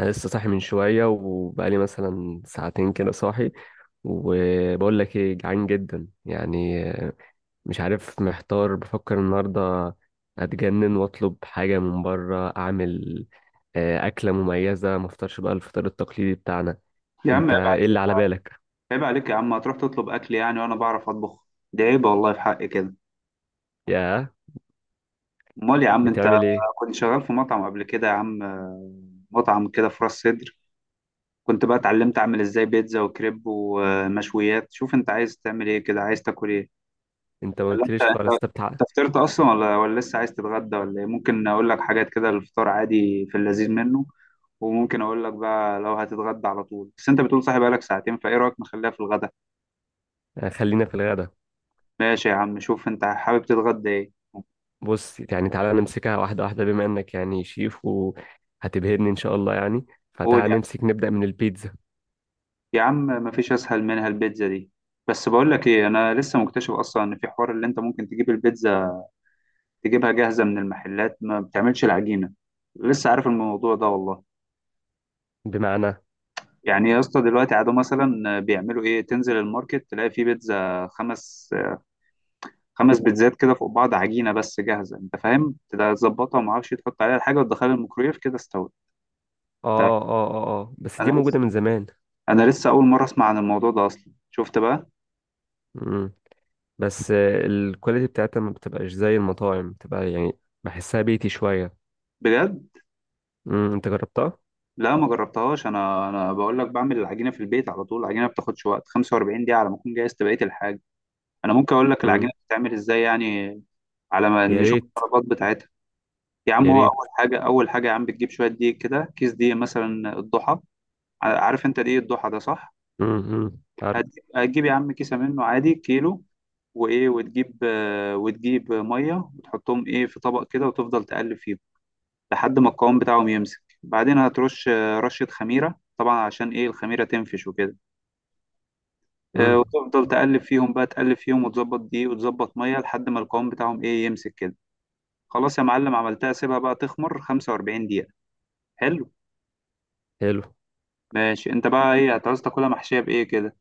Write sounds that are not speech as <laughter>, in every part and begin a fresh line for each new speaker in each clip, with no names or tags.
انا لسه صاحي من شويه، وبقالي مثلا ساعتين كده صاحي. وبقول لك ايه، جعان جدا، يعني مش عارف، محتار، بفكر النهارده اتجنن واطلب حاجه من بره، اعمل اكله مميزه، ما افطرش بقى الفطار التقليدي بتاعنا.
يا عم،
انت
عيب
ايه
عليك.
اللي على بالك؟
عيب عليك يا عم، هتروح تطلب اكل يعني وانا بعرف اطبخ. دي عيب والله في حقي كده.
يا
امال يا عم انت؟
بتعمل ايه؟
كنت شغال في مطعم قبل كده يا عم. مطعم كده في راس سدر. كنت بقى اتعلمت اعمل ازاي بيتزا وكريب ومشويات. شوف انت عايز تعمل ايه كده، عايز تاكل ايه؟
انت ما
ولا انت
قلتليش
انت
خالص. طب تعال.
أنت فطرت اصلا ولا لسه عايز تتغدى ولا ايه؟ ممكن اقول لك حاجات كده للفطار عادي، في اللذيذ منه. وممكن اقول لك بقى لو هتتغدى على طول، بس انت بتقول صاحي بقالك ساعتين، فايه رايك نخليها في الغدا؟
آه، خلينا في الغدا.
ماشي يا عم، شوف انت حابب تتغدى ايه؟
بص، يعني تعالى نمسكها واحده واحده، بما انك يعني شيف وهتبهرني ان شاء الله، يعني
قول.
فتعال
يا
نمسك نبدا من البيتزا.
يا عم مفيش اسهل منها البيتزا دي. بس بقول لك ايه، انا لسه مكتشف اصلا ان في حوار اللي انت ممكن تجيب البيتزا، تجيبها جاهزه من المحلات ما بتعملش العجينه. لسه عارف الموضوع ده والله.
بمعنى؟ اه،
يعني يا اسطى دلوقتي عادوا مثلا بيعملوا ايه؟ تنزل الماركت تلاقي في بيتزا، خمس بيتزات كده فوق بعض، عجينه بس جاهزه، انت فاهم، تبقى تظبطها وما اعرفش تحط عليها الحاجه وتدخلها الميكرويف كده استوت. أنت-
اه، اه، اه، بس
انا
دي
لسه
موجودة من زمان.
انا لسه اول مره اسمع عن الموضوع ده اصلا. شفت بقى؟
مم. بس الكواليتي بتاعتها ما بتبقاش زي المطاعم، بتبقى يعني بحسها بيتي شوية.
بجد؟
مم. انت جربتها؟
لا ما جربتهاش. انا بقول لك بعمل العجينه في البيت على طول. العجينه ما بتاخدش وقت 45 دقيقه على ما اكون جهزت بقيه الحاجه. انا ممكن اقول لك العجينه
مم.
بتتعمل ازاي يعني، على ما
يا
نشوف
ريت.
الطلبات بتاعتها. يا عم،
يا
هو اول
ريت.
حاجه اول حاجه يا عم بتجيب شويه دقيق كده، كيس دقيق مثلا الضحى. عارف انت دقيق الضحى ده صح؟
مم. مم. عارف.
هت- هتجيب يا عم كيسه منه عادي كيلو، وايه، وتجيب ميه وتحطهم ايه في طبق كده وتفضل تقلب فيهم لحد ما القوام بتاعهم يمسك. بعدين هترش رشه خميره طبعا، عشان ايه؟ الخميره تنفش وكده.
مم.
وتفضل تقلب فيهم بقى تقلب فيهم، وتظبط دقيق وتظبط ميه لحد ما القوام بتاعهم ايه، يمسك كده. خلاص يا معلم، عملتها سيبها بقى تخمر 45 دقيقة. حلو.
حلو.
ماشي، انت بقى ايه هتعوز؟ تاكلها محشية بايه كده؟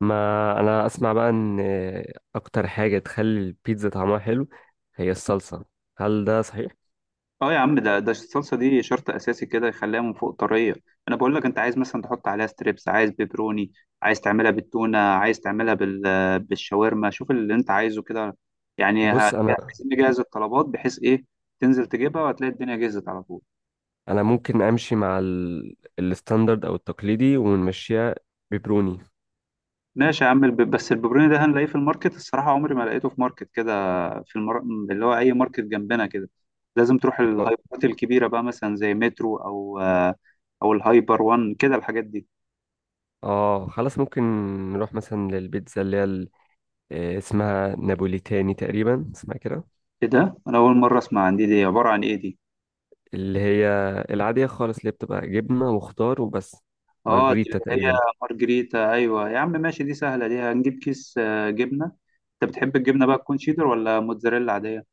ما انا اسمع بقى ان اكتر حاجة تخلي البيتزا طعمها حلو هي الصلصة. هل ده صحيح؟
اه يا عم، ده الصلصة دي شرط اساسي كده، يخليها من فوق طرية. انا بقول لك، انت عايز مثلا تحط عليها ستريبس، عايز بيبروني، عايز تعملها بالتونة، عايز تعملها بالشاورما. شوف اللي انت عايزه كده. يعني
بص، انا
عايزين نجهز الطلبات بحيث ايه؟ تنزل تجيبها وهتلاقي الدنيا جهزت على طول.
انا ممكن امشي مع الستاندرد او التقليدي ونمشيها. بيبروني.
ماشي يا عم، بس الببروني ده هنلاقيه في الماركت؟ الصراحة عمري ما لقيته في ماركت كده، في المر... اللي هو أي ماركت جنبنا كده. لازم تروح الهايبرات الكبيرة بقى، مثلا زي مترو أو الهايبر وان كده الحاجات دي.
اه، خلاص ممكن. نروح مثلا للبيتزا اللي هي اسمها نابوليتاني تقريبا، اسمها كده.
إيه ده؟ أنا أول مرة أسمع عن دي. دي عبارة عن إيه دي؟
اللي هي العادية خالص، اللي بتبقى جبنة وخضار وبس،
آه، دي
مارجريتا
اللي هي
تقريبا.
مارجريتا. أيوة يا عم ماشي، دي سهلة، دي هنجيب كيس جبنة. أنت بتحب الجبنة بقى تكون شيدر ولا موتزاريلا عادية؟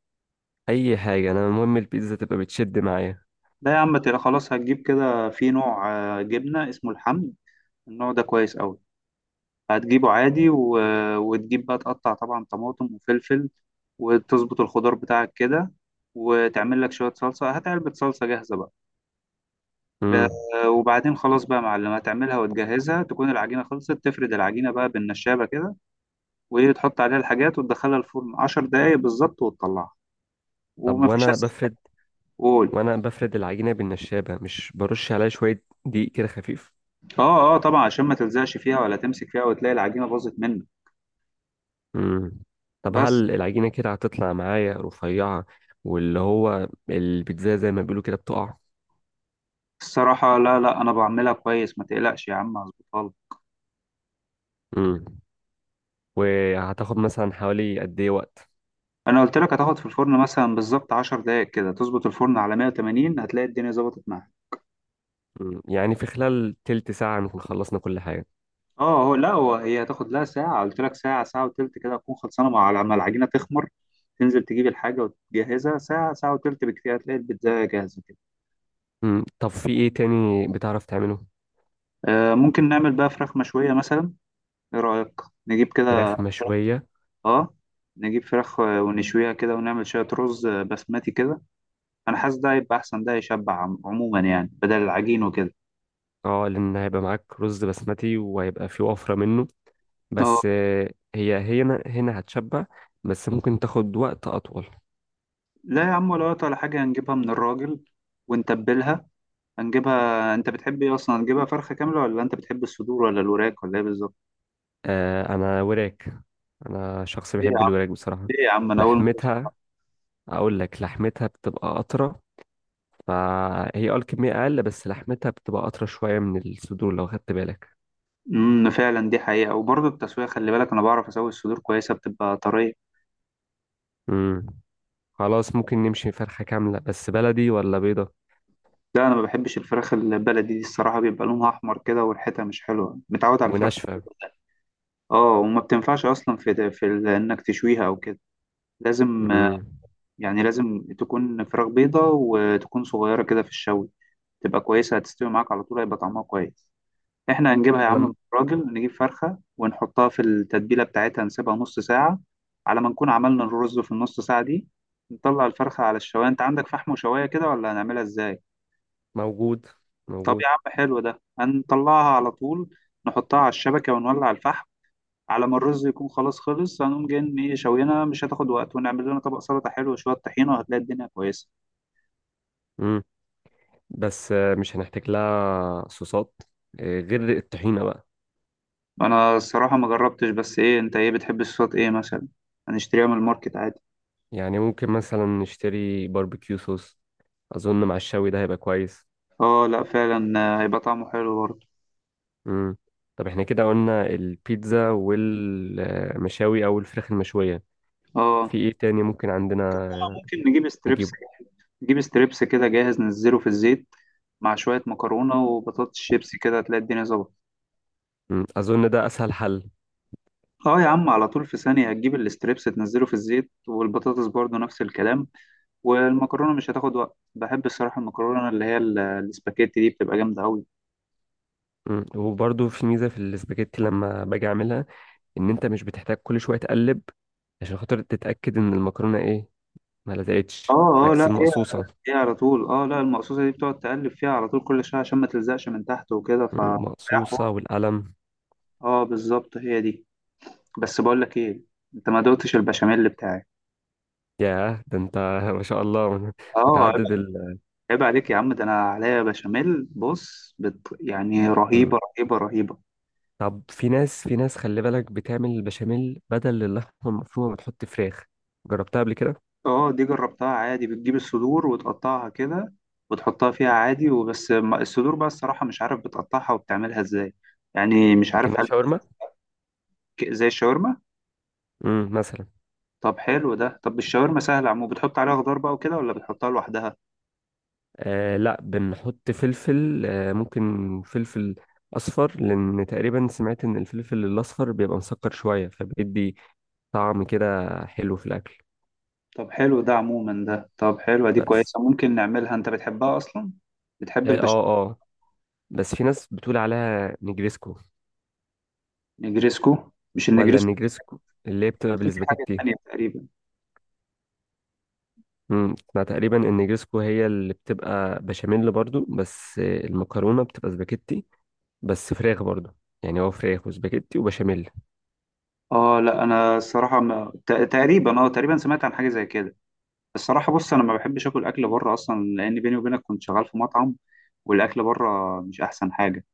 أي حاجة، أنا المهم البيتزا تبقى بتشد معايا.
لا يا عم، تلا خلاص هتجيب كده في نوع جبنة اسمه الحمد. النوع ده كويس أوي. هتجيبه عادي وتجيب بقى تقطع طبعا طماطم وفلفل، وتظبط الخضار بتاعك كده. وتعمل لك شوية صلصة، هات علبة صلصة جاهزة بقى. ب-
امم.
وبعدين خلاص بقى يا معلم، هتعملها وتجهزها تكون العجينة خلصت، تفرد العجينة بقى بالنشابة كده، وتحط عليها الحاجات وتدخلها الفرن 10 دقايق بالظبط وتطلعها.
طب،
ومفيش
وأنا
أسهل.
بفرد
قول.
وأنا بفرد العجينة بالنشابة، مش برش عليها شوية دقيق كده خفيف؟
اه، اه، طبعا عشان ما تلزقش فيها ولا تمسك فيها وتلاقي العجينة باظت منك.
امم. طب
بس
هل العجينة كده هتطلع معايا رفيعة، واللي هو البيتزا زي ما بيقولوا كده بتقع؟
الصراحة، لا، لا، أنا بعملها كويس، ما تقلقش يا عم هظبطها لك.
امم. وهتاخد مثلا حوالي قد ايه وقت؟
انا قلت لك هتاخد في الفرن مثلا بالظبط 10 دقائق، كده تظبط الفرن على 180، هتلاقي الدنيا ظبطت معاك.
مم. يعني في خلال تلت ساعة نكون خلصنا كل حاجة؟
اه، هو لا، هي هتاخد لها ساعه، قلت لك ساعه. ساعه وتلت كده هتكون خلصانه، مع لما العجينه تخمر تنزل تجيب الحاجه وتجهزها، ساعه، ساعه وتلت بكتير هتلاقي البيتزا جاهزه كده.
مم. طب في ايه تاني بتعرف تعمله؟
آه، ممكن نعمل بقى فراخ مشويه مثلا. ايه رايك؟ نجيب كده.
فراخ مشوية؟
اه، نجيب فراخ ونشويها كده ونعمل شويه رز بسمتي كده. انا حاسس ده هيبقى احسن، ده يشبع عموما يعني، بدل العجين وكده.
اه، لان هيبقى معاك رز بسمتي وهيبقى في وفرة منه.
اه
بس هي هنا، هنا هتشبع. بس ممكن تاخد وقت اطول.
لا يا عم، ولا وقت ولا حاجة، هنجيبها من الراجل ونتبلها. هنجيبها، أنت بتحب إيه أصلا، هنجيبها فرخة كاملة ولا أنت بتحب الصدور ولا الوراك ولا إيه بالظبط؟
آه، انا وراك. انا شخص
ليه يا
بيحب
عم؟
الوراك بصراحة.
ليه يا عم؟ أنا أول مرة أسمع.
لحمتها. اقول لك لحمتها بتبقى اطرى، فهي الكمية اقل، بس لحمتها بتبقى اطرى شوية من الصدور لو خدت بالك.
فعلا دي حقيقة، وبرضه التسوية خلي بالك، أنا بعرف أسوي الصدور كويسة بتبقى طرية.
مم. خلاص ممكن نمشي فرخة كاملة، بس بلدي ولا بيضة؟
لا، أنا ما بحبش الفراخ البلدي دي الصراحة، بيبقى لونها أحمر كده وريحتها مش حلوة، متعود على الفراخ.
وناشفة.
اه، وما بتنفعش اصلا في انك تشويها او كده. لازم.
امم.
يعني لازم تكون فراخ بيضة وتكون صغيرة كده في الشوي، تبقى كويسة هتستوي معاك على طول هيبقى طعمها كويس. احنا هنجيبها يا عم
لم
من الراجل، نجيب فرخة ونحطها في التتبيلة بتاعتها نسيبها نص ساعة، على ما نكون عملنا الرز في النص ساعة دي. نطلع الفرخة على الشواية. انت عندك فحم وشواية كده ولا هنعملها ازاي؟
موجود،
طب
موجود.
يا عم حلو، ده هنطلعها على طول. نحطها على الشبكة ونولع الفحم، على ما الرز يكون خلاص خلص هنقوم جايين ايه؟ شوينا مش هتاخد وقت، ونعمل لنا طبق سلطة حلو وشوية طحينة وهتلاقي الدنيا كويسة.
امم. بس مش هنحتاج لها صوصات غير الطحينة بقى؟
انا الصراحة ما جربتش، بس ايه، انت ايه بتحب الصوت ايه مثلا؟ هنشتريها من الماركت عادي.
يعني ممكن مثلا نشتري باربيكيو صوص. أظن مع الشوي ده هيبقى كويس.
اه لا فعلا، هيبقى طعمه حلو برضه.
امم. طب احنا كده قلنا البيتزا والمشاوي أو الفراخ المشوية. في
اه،
ايه تاني ممكن
ممكن بقى
عندنا؟
ممكن نجيب ستريبس.
نجيبه.
نجيب ستريبس كده جاهز ننزله في الزيت، مع شوية مكرونة وبطاطس شيبسي، كده هتلاقي الدنيا ظبطت.
مم. أظن ده أسهل حل.
اه يا عم، على طول في ثانية هتجيب الستريبس تنزله في الزيت، والبطاطس برضه نفس الكلام. والمكرونة مش هتاخد وقت. بحب الصراحة المكرونة اللي هي الاسباجيتي دي بتبقى جامدة أوي.
مم. وبرضه في ميزة في الاسباجيتي لما باجي أعملها، ان انت مش بتحتاج كل شويه تقلب عشان خاطر تتاكد ان المكرونه ايه، ما لزقتش،
اه، اه، لا
عكس
هي
المقصوصه.
هي على طول. اه لا، المقصوصة دي بتقعد تقلب فيها على طول كل شوية، عشان ما تلزقش من تحت وكده، ف
المقصوصه والقلم.
اه بالظبط، هي دي. بس بقول لك ايه، انت ما دقتش البشاميل بتاعي؟
ياه، ده انت <laughs> ما شاء الله
اه عيب.
متعدد.
عيب عليك يا عم، ده انا عليا بشاميل، بص يعني
مم.
رهيبه، رهيبه، رهيبه.
طب في ناس خلي بالك، بتعمل البشاميل بدل اللحمه المفرومه، بتحط فراخ. جربتها قبل كده؟
اه، دي جربتها عادي، بتجيب الصدور وتقطعها كده وتحطها فيها عادي وبس. الصدور بقى الصراحه مش عارف بتقطعها وبتعملها ازاي. يعني مش عارف
لكنها
هل
شاورما.
زي الشاورما.
امم، مثلا.
طب حلو ده، طب الشاورما سهله عمو، بتحط عليها خضار بقى وكده ولا بتحطها لوحدها؟
آه، لا، بنحط فلفل، ممكن فلفل أصفر، لأن تقريبا سمعت إن الفلفل الأصفر بيبقى مسكر شوية، فبيدي طعم كده حلو في الأكل.
طب حلو ده عموما ده، طب حلوه دي
بس.
كويسه، ممكن نعملها، انت بتحبها اصلا، بتحب
آه، آه،
البشاميل؟
آه. بس في ناس بتقول عليها نجريسكو.
نجريسكو؟ مش
ولا
النجريسكو؟
النجريسكو اللي هي بتبقى
في حاجة
بالسباجيتي.
تانية تقريبا.
امم، أنا تقريبا النجريسكو هي اللي بتبقى بشاميل برضو، بس المكرونة بتبقى سباجيتي، بس فراخ برضو، يعني هو فراخ وسباجيتي وبشاميل.
اه لا، انا الصراحة ما... تقريبا سمعت عن حاجة زي كده. الصراحة بص، انا ما بحبش اكل اكل بره اصلا، لان بيني وبينك كنت شغال في مطعم والاكل بره مش احسن حاجة،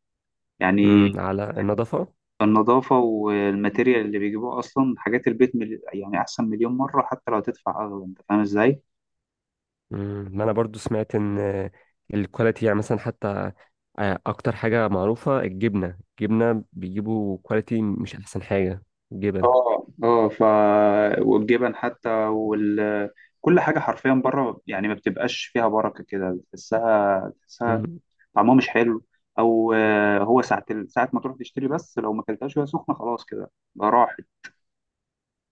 يعني.
امم، على النضافة.
النظافة والماتيريال اللي بيجيبوه اصلا، حاجات البيت يعني احسن مليون مرة، حتى لو هتدفع اغلى، انت فاهم ازاي؟
مم، ما انا برضو سمعت ان الكواليتي، يعني مثلا حتى اكتر حاجه معروفه الجبنه، الجبنه بيجيبوا كواليتي مش احسن حاجه. جبن.
اه، اه، ف والجبن حتى وال كل حاجة حرفيا بره يعني ما بتبقاش فيها بركة كده بتحسها.
مم.
طعمها مش حلو. او هو ساعه ساعه ما تروح تشتري، بس لو ما اكلتهاش وهي سخنه خلاص كده، ده راحت.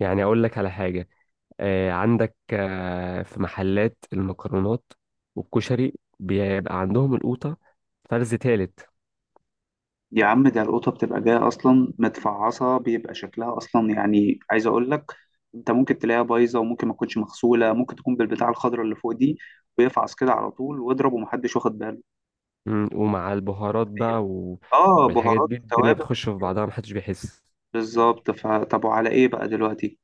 يعني اقول لك على حاجه، عندك في محلات المكرونات والكشري بيبقى عندهم القوطه فرز تالت.
يا عم، ده القطه بتبقى جايه اصلا متفعصه، بيبقى شكلها اصلا يعني، عايز اقول لك انت ممكن تلاقيها بايظه، وممكن ما تكونش مغسوله، ممكن تكون بالبتاع الخضراء اللي فوق دي، ويفعص كده على طول واضرب ومحدش واخد باله.
مم، ومع البهارات بقى،
اه،
والحاجات
بهارات
دي الدنيا
وتوابل.
بتخش في بعضها، محدش بيحس.
بالظبط، فطب وعلى ايه بقى دلوقتي؟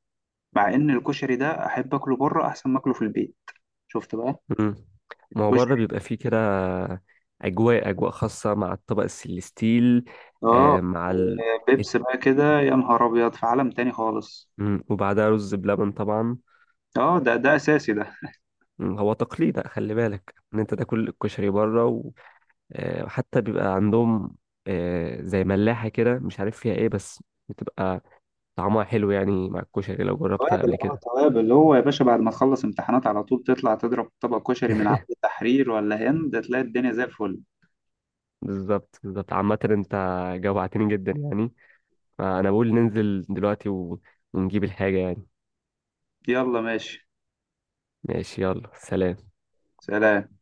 مع ان الكشري ده، احب اكله بره احسن ما اكله في البيت. شفت بقى.
مم. ما هو بره بيبقى فيه كده أجواء، أجواء خاصة مع الطبق السليستيل،
اه،
آه، مع ال... الت-
وبيبس بقى كده، يا نهار ابيض، في عالم تاني خالص.
وبعدها رز بلبن طبعا.
اه، ده اساسي ده.
مم. هو تقليد خلي بالك إن أنت تاكل الكشري بره، وحتى بيبقى عندهم زي ملاحة كده مش عارف فيها إيه، بس بتبقى طعمها حلو يعني مع الكشري لو جربتها قبل كده.
توابل، اللي هو يا باشا، بعد ما تخلص امتحانات على طول تطلع تضرب طبق كشري من عند التحرير ولا هند، تلاقي الدنيا زي الفل.
بالظبط، بالظبط. عامة أنت جوعتني جدا يعني، فأنا بقول ننزل دلوقتي ونجيب الحاجة يعني.
يلا ماشي.
ماشي، يلا، سلام.
سلام.